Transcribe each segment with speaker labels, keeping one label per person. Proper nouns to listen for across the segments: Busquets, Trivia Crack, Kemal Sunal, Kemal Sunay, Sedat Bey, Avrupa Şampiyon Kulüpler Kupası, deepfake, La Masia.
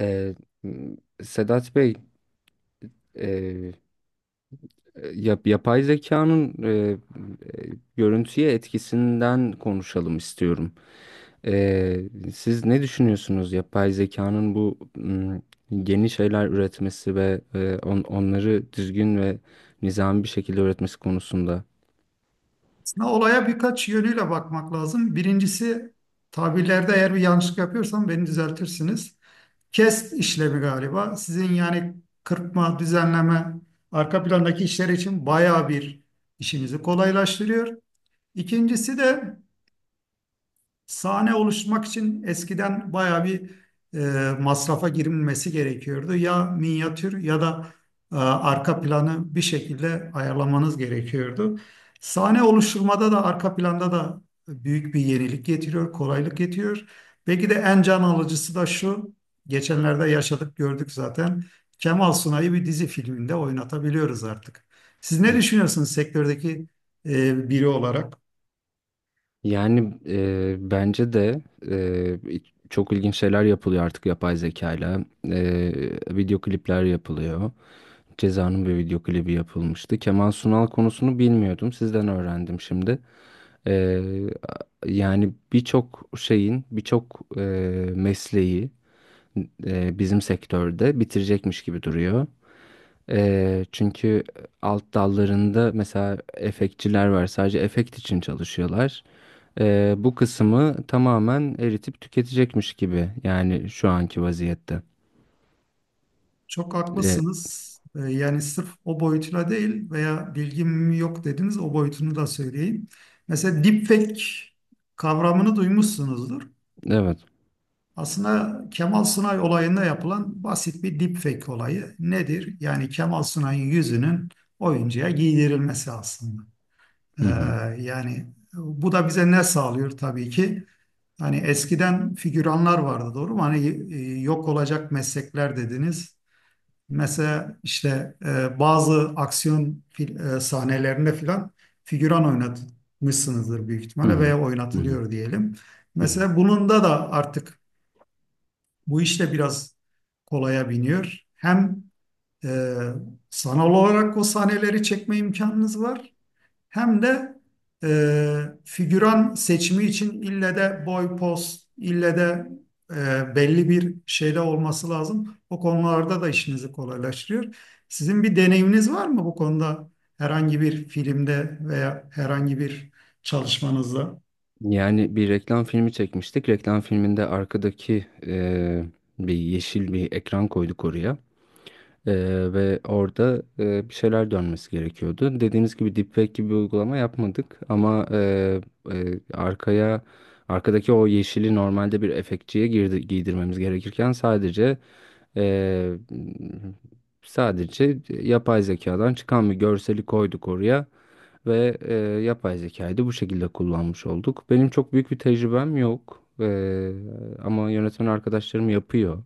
Speaker 1: Ee, m- Sedat Bey, e, yapay zekanın e, görüntüye etkisinden konuşalım istiyorum. Ee, Siz ne düşünüyorsunuz yapay zekanın bu yeni şeyler üretmesi ve onları düzgün ve nizami bir şekilde üretmesi konusunda?
Speaker 2: Aslında olaya birkaç yönüyle bakmak lazım. Birincisi tabirlerde eğer bir yanlışlık yapıyorsam beni düzeltirsiniz. Kes işlemi galiba. Sizin yani kırpma, düzenleme, arka plandaki işler için bayağı bir işinizi kolaylaştırıyor. İkincisi de sahne oluşturmak için eskiden bayağı bir masrafa girilmesi gerekiyordu. Ya minyatür ya da arka planı bir şekilde ayarlamanız gerekiyordu. Sahne oluşturmada da arka planda da büyük bir yenilik getiriyor, kolaylık getiriyor. Belki de en can alıcısı da şu, geçenlerde yaşadık gördük zaten. Kemal Sunay'ı bir dizi filminde oynatabiliyoruz artık. Siz ne
Speaker 1: Hı.
Speaker 2: düşünüyorsunuz sektördeki biri olarak?
Speaker 1: Yani, bence de e, çok ilginç şeyler yapılıyor artık yapay zekayla. Video klipler yapılıyor. Ceza'nın bir video klibi yapılmıştı. Kemal Sunal konusunu bilmiyordum. Sizden öğrendim şimdi. Ee, Yani birçok şeyin, birçok mesleği bizim sektörde bitirecekmiş gibi duruyor. Çünkü alt dallarında mesela efektçiler var. Sadece efekt için çalışıyorlar. Bu kısmı tamamen eritip tüketecekmiş gibi. Yani şu anki vaziyette.
Speaker 2: Çok
Speaker 1: Ee,
Speaker 2: haklısınız. Yani sırf o boyutuyla değil veya bilgim yok dediniz o boyutunu da söyleyeyim. Mesela deepfake kavramını duymuşsunuzdur.
Speaker 1: evet.
Speaker 2: Aslında Kemal Sunay olayında yapılan basit bir deepfake olayı nedir? Yani Kemal Sunay'ın yüzünün oyuncuya giydirilmesi aslında. Ee,
Speaker 1: Hı hı.
Speaker 2: Yani bu da bize ne sağlıyor tabii ki? Hani eskiden figüranlar vardı, doğru mu? Hani yok olacak meslekler dediniz. Mesela işte bazı sahnelerinde filan figüran oynatmışsınızdır büyük
Speaker 1: Hı
Speaker 2: ihtimalle
Speaker 1: hı.
Speaker 2: veya
Speaker 1: Hı hı.
Speaker 2: oynatılıyor diyelim.
Speaker 1: Hı hı.
Speaker 2: Mesela bununda da artık bu işte biraz kolaya biniyor. Hem e, sanal olarak o sahneleri çekme imkanınız var, hem de figüran seçimi için ille de boy, poz, ille de belli bir şeyde olması lazım. O konularda da işinizi kolaylaştırıyor. Sizin bir deneyiminiz var mı bu konuda, herhangi bir filmde veya herhangi bir çalışmanızda?
Speaker 1: Yani bir reklam filmi çekmiştik. Reklam filminde arkadaki bir yeşil bir ekran koyduk oraya. Ee, Ve orada bir şeyler dönmesi gerekiyordu. Dediğiniz gibi deepfake gibi bir uygulama yapmadık ama, e, e, arkaya arkadaki o yeşili normalde bir efektçiye giydirmemiz gerekirken e, sadece yapay zekadan çıkan bir görseli koyduk oraya ve, yapay zekayı da bu şekilde kullanmış olduk. Benim çok büyük bir tecrübem yok. Ama yönetmen arkadaşlarım yapıyor.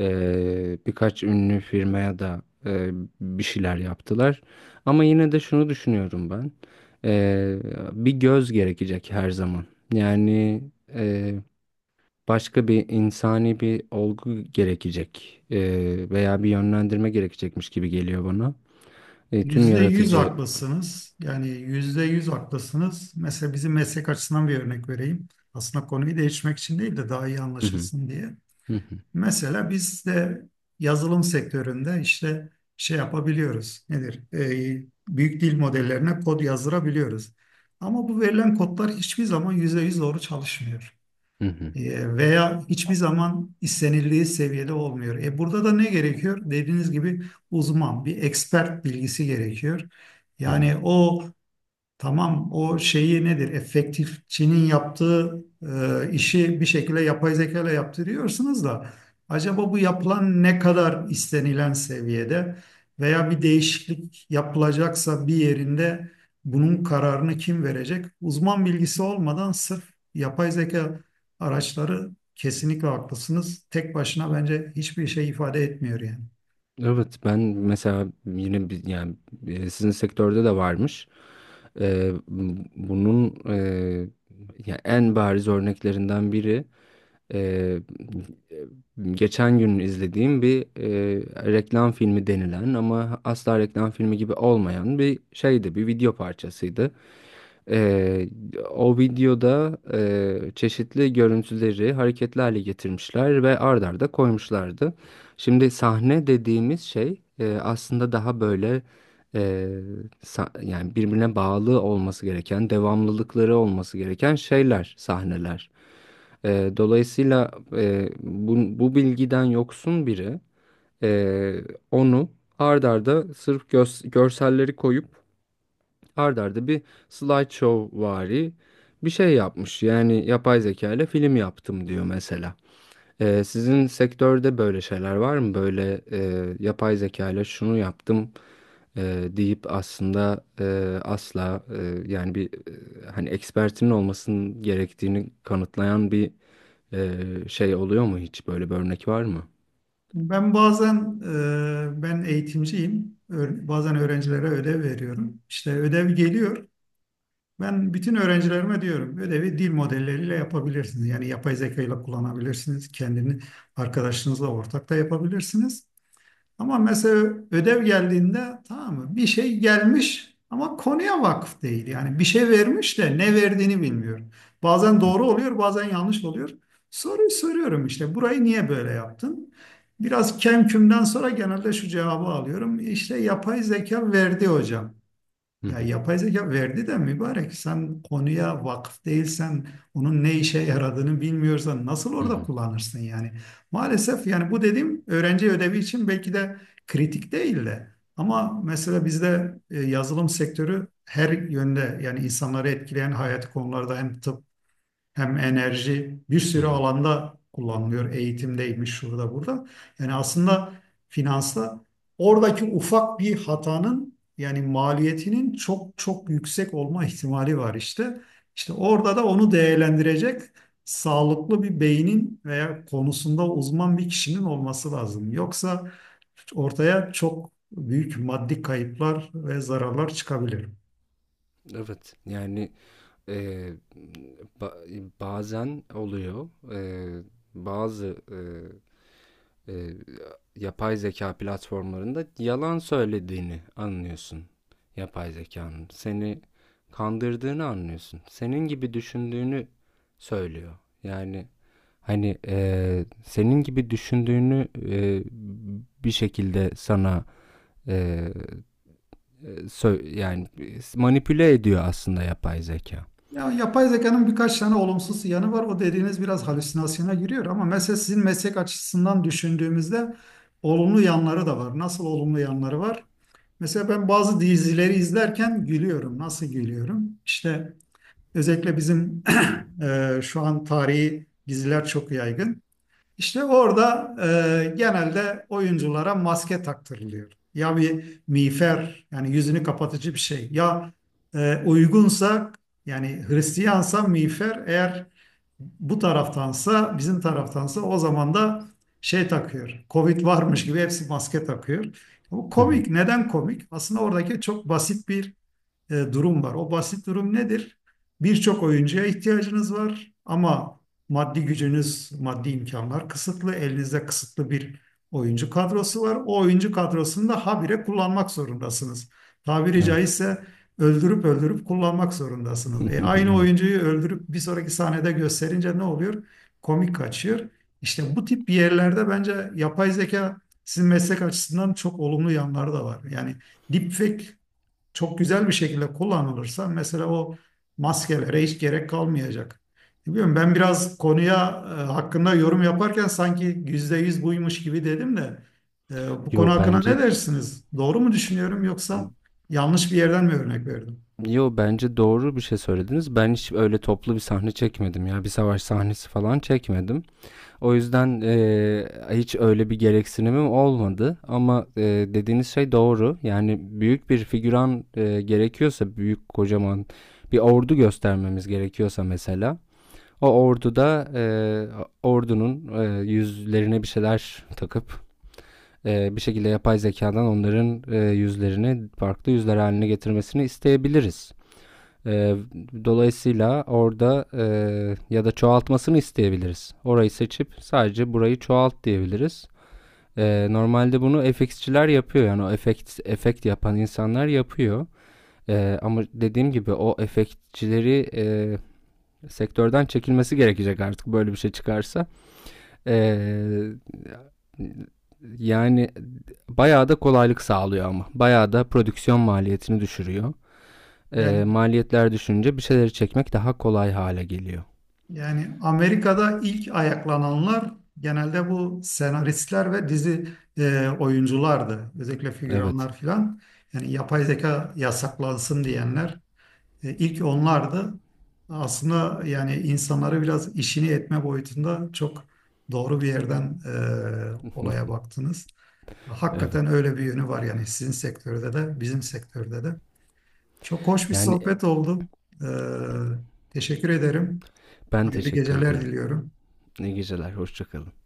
Speaker 1: Birkaç ünlü firmaya da bir şeyler yaptılar. Ama yine de şunu düşünüyorum ben. Eee, Bir göz gerekecek her zaman. Yani eee, başka bir insani bir olgu gerekecek, veya bir yönlendirme gerekecekmiş gibi geliyor bana. Tüm
Speaker 2: Yüzde yüz
Speaker 1: yaratıcı.
Speaker 2: haklısınız. Yani yüzde yüz haklısınız. Mesela bizim meslek açısından bir örnek vereyim. Aslında konuyu değişmek için değil de daha iyi
Speaker 1: Hı hı,
Speaker 2: anlaşılsın diye.
Speaker 1: hı hı,
Speaker 2: Mesela biz de yazılım sektöründe işte şey yapabiliyoruz. Nedir? Büyük dil modellerine kod yazdırabiliyoruz. Ama bu verilen kodlar hiçbir zaman %100 doğru çalışmıyor.
Speaker 1: hı hı,
Speaker 2: Veya hiçbir zaman istenildiği seviyede olmuyor. E, burada da ne gerekiyor? Dediğiniz gibi uzman, bir expert bilgisi gerekiyor.
Speaker 1: hı hı.
Speaker 2: Yani o, tamam, o şeyi nedir? Efektifçinin yaptığı işi bir şekilde yapay zeka ile yaptırıyorsunuz da acaba bu yapılan ne kadar istenilen seviyede veya bir değişiklik yapılacaksa bir yerinde bunun kararını kim verecek? Uzman bilgisi olmadan sırf yapay zeka araçları, kesinlikle haklısınız. Tek başına bence hiçbir şey ifade etmiyor yani.
Speaker 1: Evet, ben mesela yani, sizin sektörde de varmış. Eee, Bunun ya en bariz örneklerinden biri, eee, geçen gün izlediğim bir reklam filmi denilen ama asla reklam filmi gibi olmayan bir şeydi, bir video parçasıydı. Ee, O videoda çeşitli görüntüleri hareketli hale getirmişler ve ard arda koymuşlardı. Şimdi sahne dediğimiz şey aslında daha böyle, e, yani birbirine bağlı olması gereken, devamlılıkları olması gereken şeyler, sahneler. Dolayısıyla bu bilgiden yoksun biri e, onu ard arda sırf görselleri koyup ard arda bir slideshow vari bir şey yapmış. Yani yapay zeka ile film yaptım diyor mesela. Sizin sektörde böyle şeyler var mı? Böyle, yapay zeka ile şunu yaptım deyip aslında asla, yani bir, hani ekspertinin olmasının gerektiğini kanıtlayan bir, şey oluyor mu hiç? Böyle bir örnek var mı?
Speaker 2: Ben bazen ben eğitimciyim. Bazen öğrencilere ödev veriyorum. İşte ödev geliyor. Ben bütün öğrencilerime diyorum ödevi dil modelleriyle yapabilirsiniz. Yani yapay zeka ile kullanabilirsiniz. Kendini arkadaşınızla ortak da yapabilirsiniz. Ama mesela ödev geldiğinde, tamam mı, bir şey gelmiş ama konuya vakıf değil. Yani bir şey vermiş de ne verdiğini bilmiyor. Bazen doğru oluyor, bazen yanlış oluyor. Soruyu soruyorum, işte burayı niye böyle yaptın? Biraz kemkümden sonra genelde şu cevabı alıyorum: İşte yapay zeka verdi hocam.
Speaker 1: Hı
Speaker 2: Ya
Speaker 1: hı,
Speaker 2: yapay zeka verdi de mübarek, sen konuya vakıf değilsen onun ne işe yaradığını bilmiyorsan nasıl
Speaker 1: hı
Speaker 2: orada
Speaker 1: hı.
Speaker 2: kullanırsın yani. Maalesef, yani bu dediğim öğrenci ödevi için belki de kritik değil de, ama mesela bizde yazılım sektörü her yönde, yani insanları etkileyen hayati konularda, hem tıp hem enerji, bir
Speaker 1: Hı
Speaker 2: sürü
Speaker 1: hı.
Speaker 2: alanda kullanılıyor. Eğitimdeymiş, şurada burada. Yani aslında finansta oradaki ufak bir hatanın yani maliyetinin çok çok yüksek olma ihtimali var işte. İşte orada da onu değerlendirecek sağlıklı bir beynin veya konusunda uzman bir kişinin olması lazım. Yoksa ortaya çok büyük maddi kayıplar ve zararlar çıkabilir.
Speaker 1: Evet yani. Ee, ba- Bazen oluyor. Bazı e, yapay zeka platformlarında yalan söylediğini anlıyorsun. Yapay zekanın seni kandırdığını anlıyorsun. Senin gibi düşündüğünü söylüyor. Yani hani, senin gibi düşündüğünü, bir şekilde sana, e, yani manipüle ediyor aslında yapay zeka.
Speaker 2: Ya yapay zekanın birkaç tane olumsuz yanı var. O dediğiniz biraz halüsinasyona giriyor, ama mesela sizin meslek açısından düşündüğümüzde olumlu yanları da var. Nasıl olumlu yanları var? Mesela ben bazı dizileri izlerken gülüyorum. Nasıl gülüyorum? İşte özellikle bizim şu an tarihi diziler çok yaygın. İşte orada genelde oyunculara maske taktırılıyor. Ya bir miğfer, yani yüzünü kapatıcı bir şey. Ya uygunsa, yani Hristiyansa miğfer, eğer bu taraftansa, bizim taraftansa, o zaman da şey takıyor. Covid varmış gibi hepsi maske takıyor. Bu
Speaker 1: Hı hı.
Speaker 2: komik. Neden komik? Aslında oradaki çok basit bir durum var. O basit durum nedir? Birçok oyuncuya ihtiyacınız var ama maddi gücünüz, maddi imkanlar kısıtlı. Elinizde kısıtlı bir oyuncu kadrosu var. O oyuncu kadrosunu da habire kullanmak zorundasınız. Tabiri
Speaker 1: Evet.
Speaker 2: caizse öldürüp öldürüp kullanmak zorundasınız. E, aynı
Speaker 1: Evet.
Speaker 2: oyuncuyu öldürüp bir sonraki sahnede gösterince ne oluyor? Komik kaçıyor. İşte bu tip yerlerde bence yapay zeka, sizin meslek açısından çok olumlu yanları da var. Yani deepfake çok güzel bir şekilde kullanılırsa mesela o maskelere hiç gerek kalmayacak. Bilmiyorum, ben biraz konuya hakkında yorum yaparken sanki yüzde yüz buymuş gibi dedim de, bu konu
Speaker 1: Yo
Speaker 2: hakkında ne
Speaker 1: bence
Speaker 2: dersiniz? Doğru mu düşünüyorum yoksa yanlış bir yerden mi örnek verdim?
Speaker 1: yo bence doğru bir şey söylediniz. Ben hiç öyle toplu bir sahne çekmedim ya. Bir savaş sahnesi falan çekmedim. O yüzden hiç öyle bir gereksinimim olmadı. Ama dediğiniz şey doğru. Yani büyük bir figüran, gerekiyorsa büyük kocaman bir ordu göstermemiz gerekiyorsa mesela o orduda, ordunun yüzlerine bir şeyler takıp, bir şekilde yapay zekadan onların yüzlerini farklı yüzler haline getirmesini isteyebiliriz. E, Dolayısıyla orada, ya da çoğaltmasını isteyebiliriz. Orayı seçip sadece burayı çoğalt diyebiliriz. Normalde bunu FX'çiler yapıyor, yani o efekt yapan insanlar yapıyor. Ama dediğim gibi o efektçileri, sektörden çekilmesi gerekecek artık böyle bir şey çıkarsa. E, Yani bayağı da kolaylık sağlıyor ama. Bayağı da prodüksiyon maliyetini düşürüyor.
Speaker 2: Yani
Speaker 1: Maliyetler düşünce bir şeyleri çekmek daha kolay hale geliyor.
Speaker 2: yani Amerika'da ilk ayaklananlar genelde bu senaristler ve dizi oyunculardı. Özellikle
Speaker 1: Evet.
Speaker 2: figüranlar filan. Yani yapay zeka yasaklansın diyenler. E, ilk onlardı. Aslında yani insanları biraz işini etme boyutunda çok doğru bir yerden olaya baktınız. Hakikaten
Speaker 1: Evet.
Speaker 2: öyle bir yönü var yani, sizin sektörde de bizim sektörde de. Çok hoş bir
Speaker 1: Yani
Speaker 2: sohbet oldu. E, teşekkür ederim.
Speaker 1: ben
Speaker 2: Hayırlı
Speaker 1: teşekkür
Speaker 2: geceler
Speaker 1: ederim.
Speaker 2: diliyorum.
Speaker 1: İyi geceler. Hoşçakalın.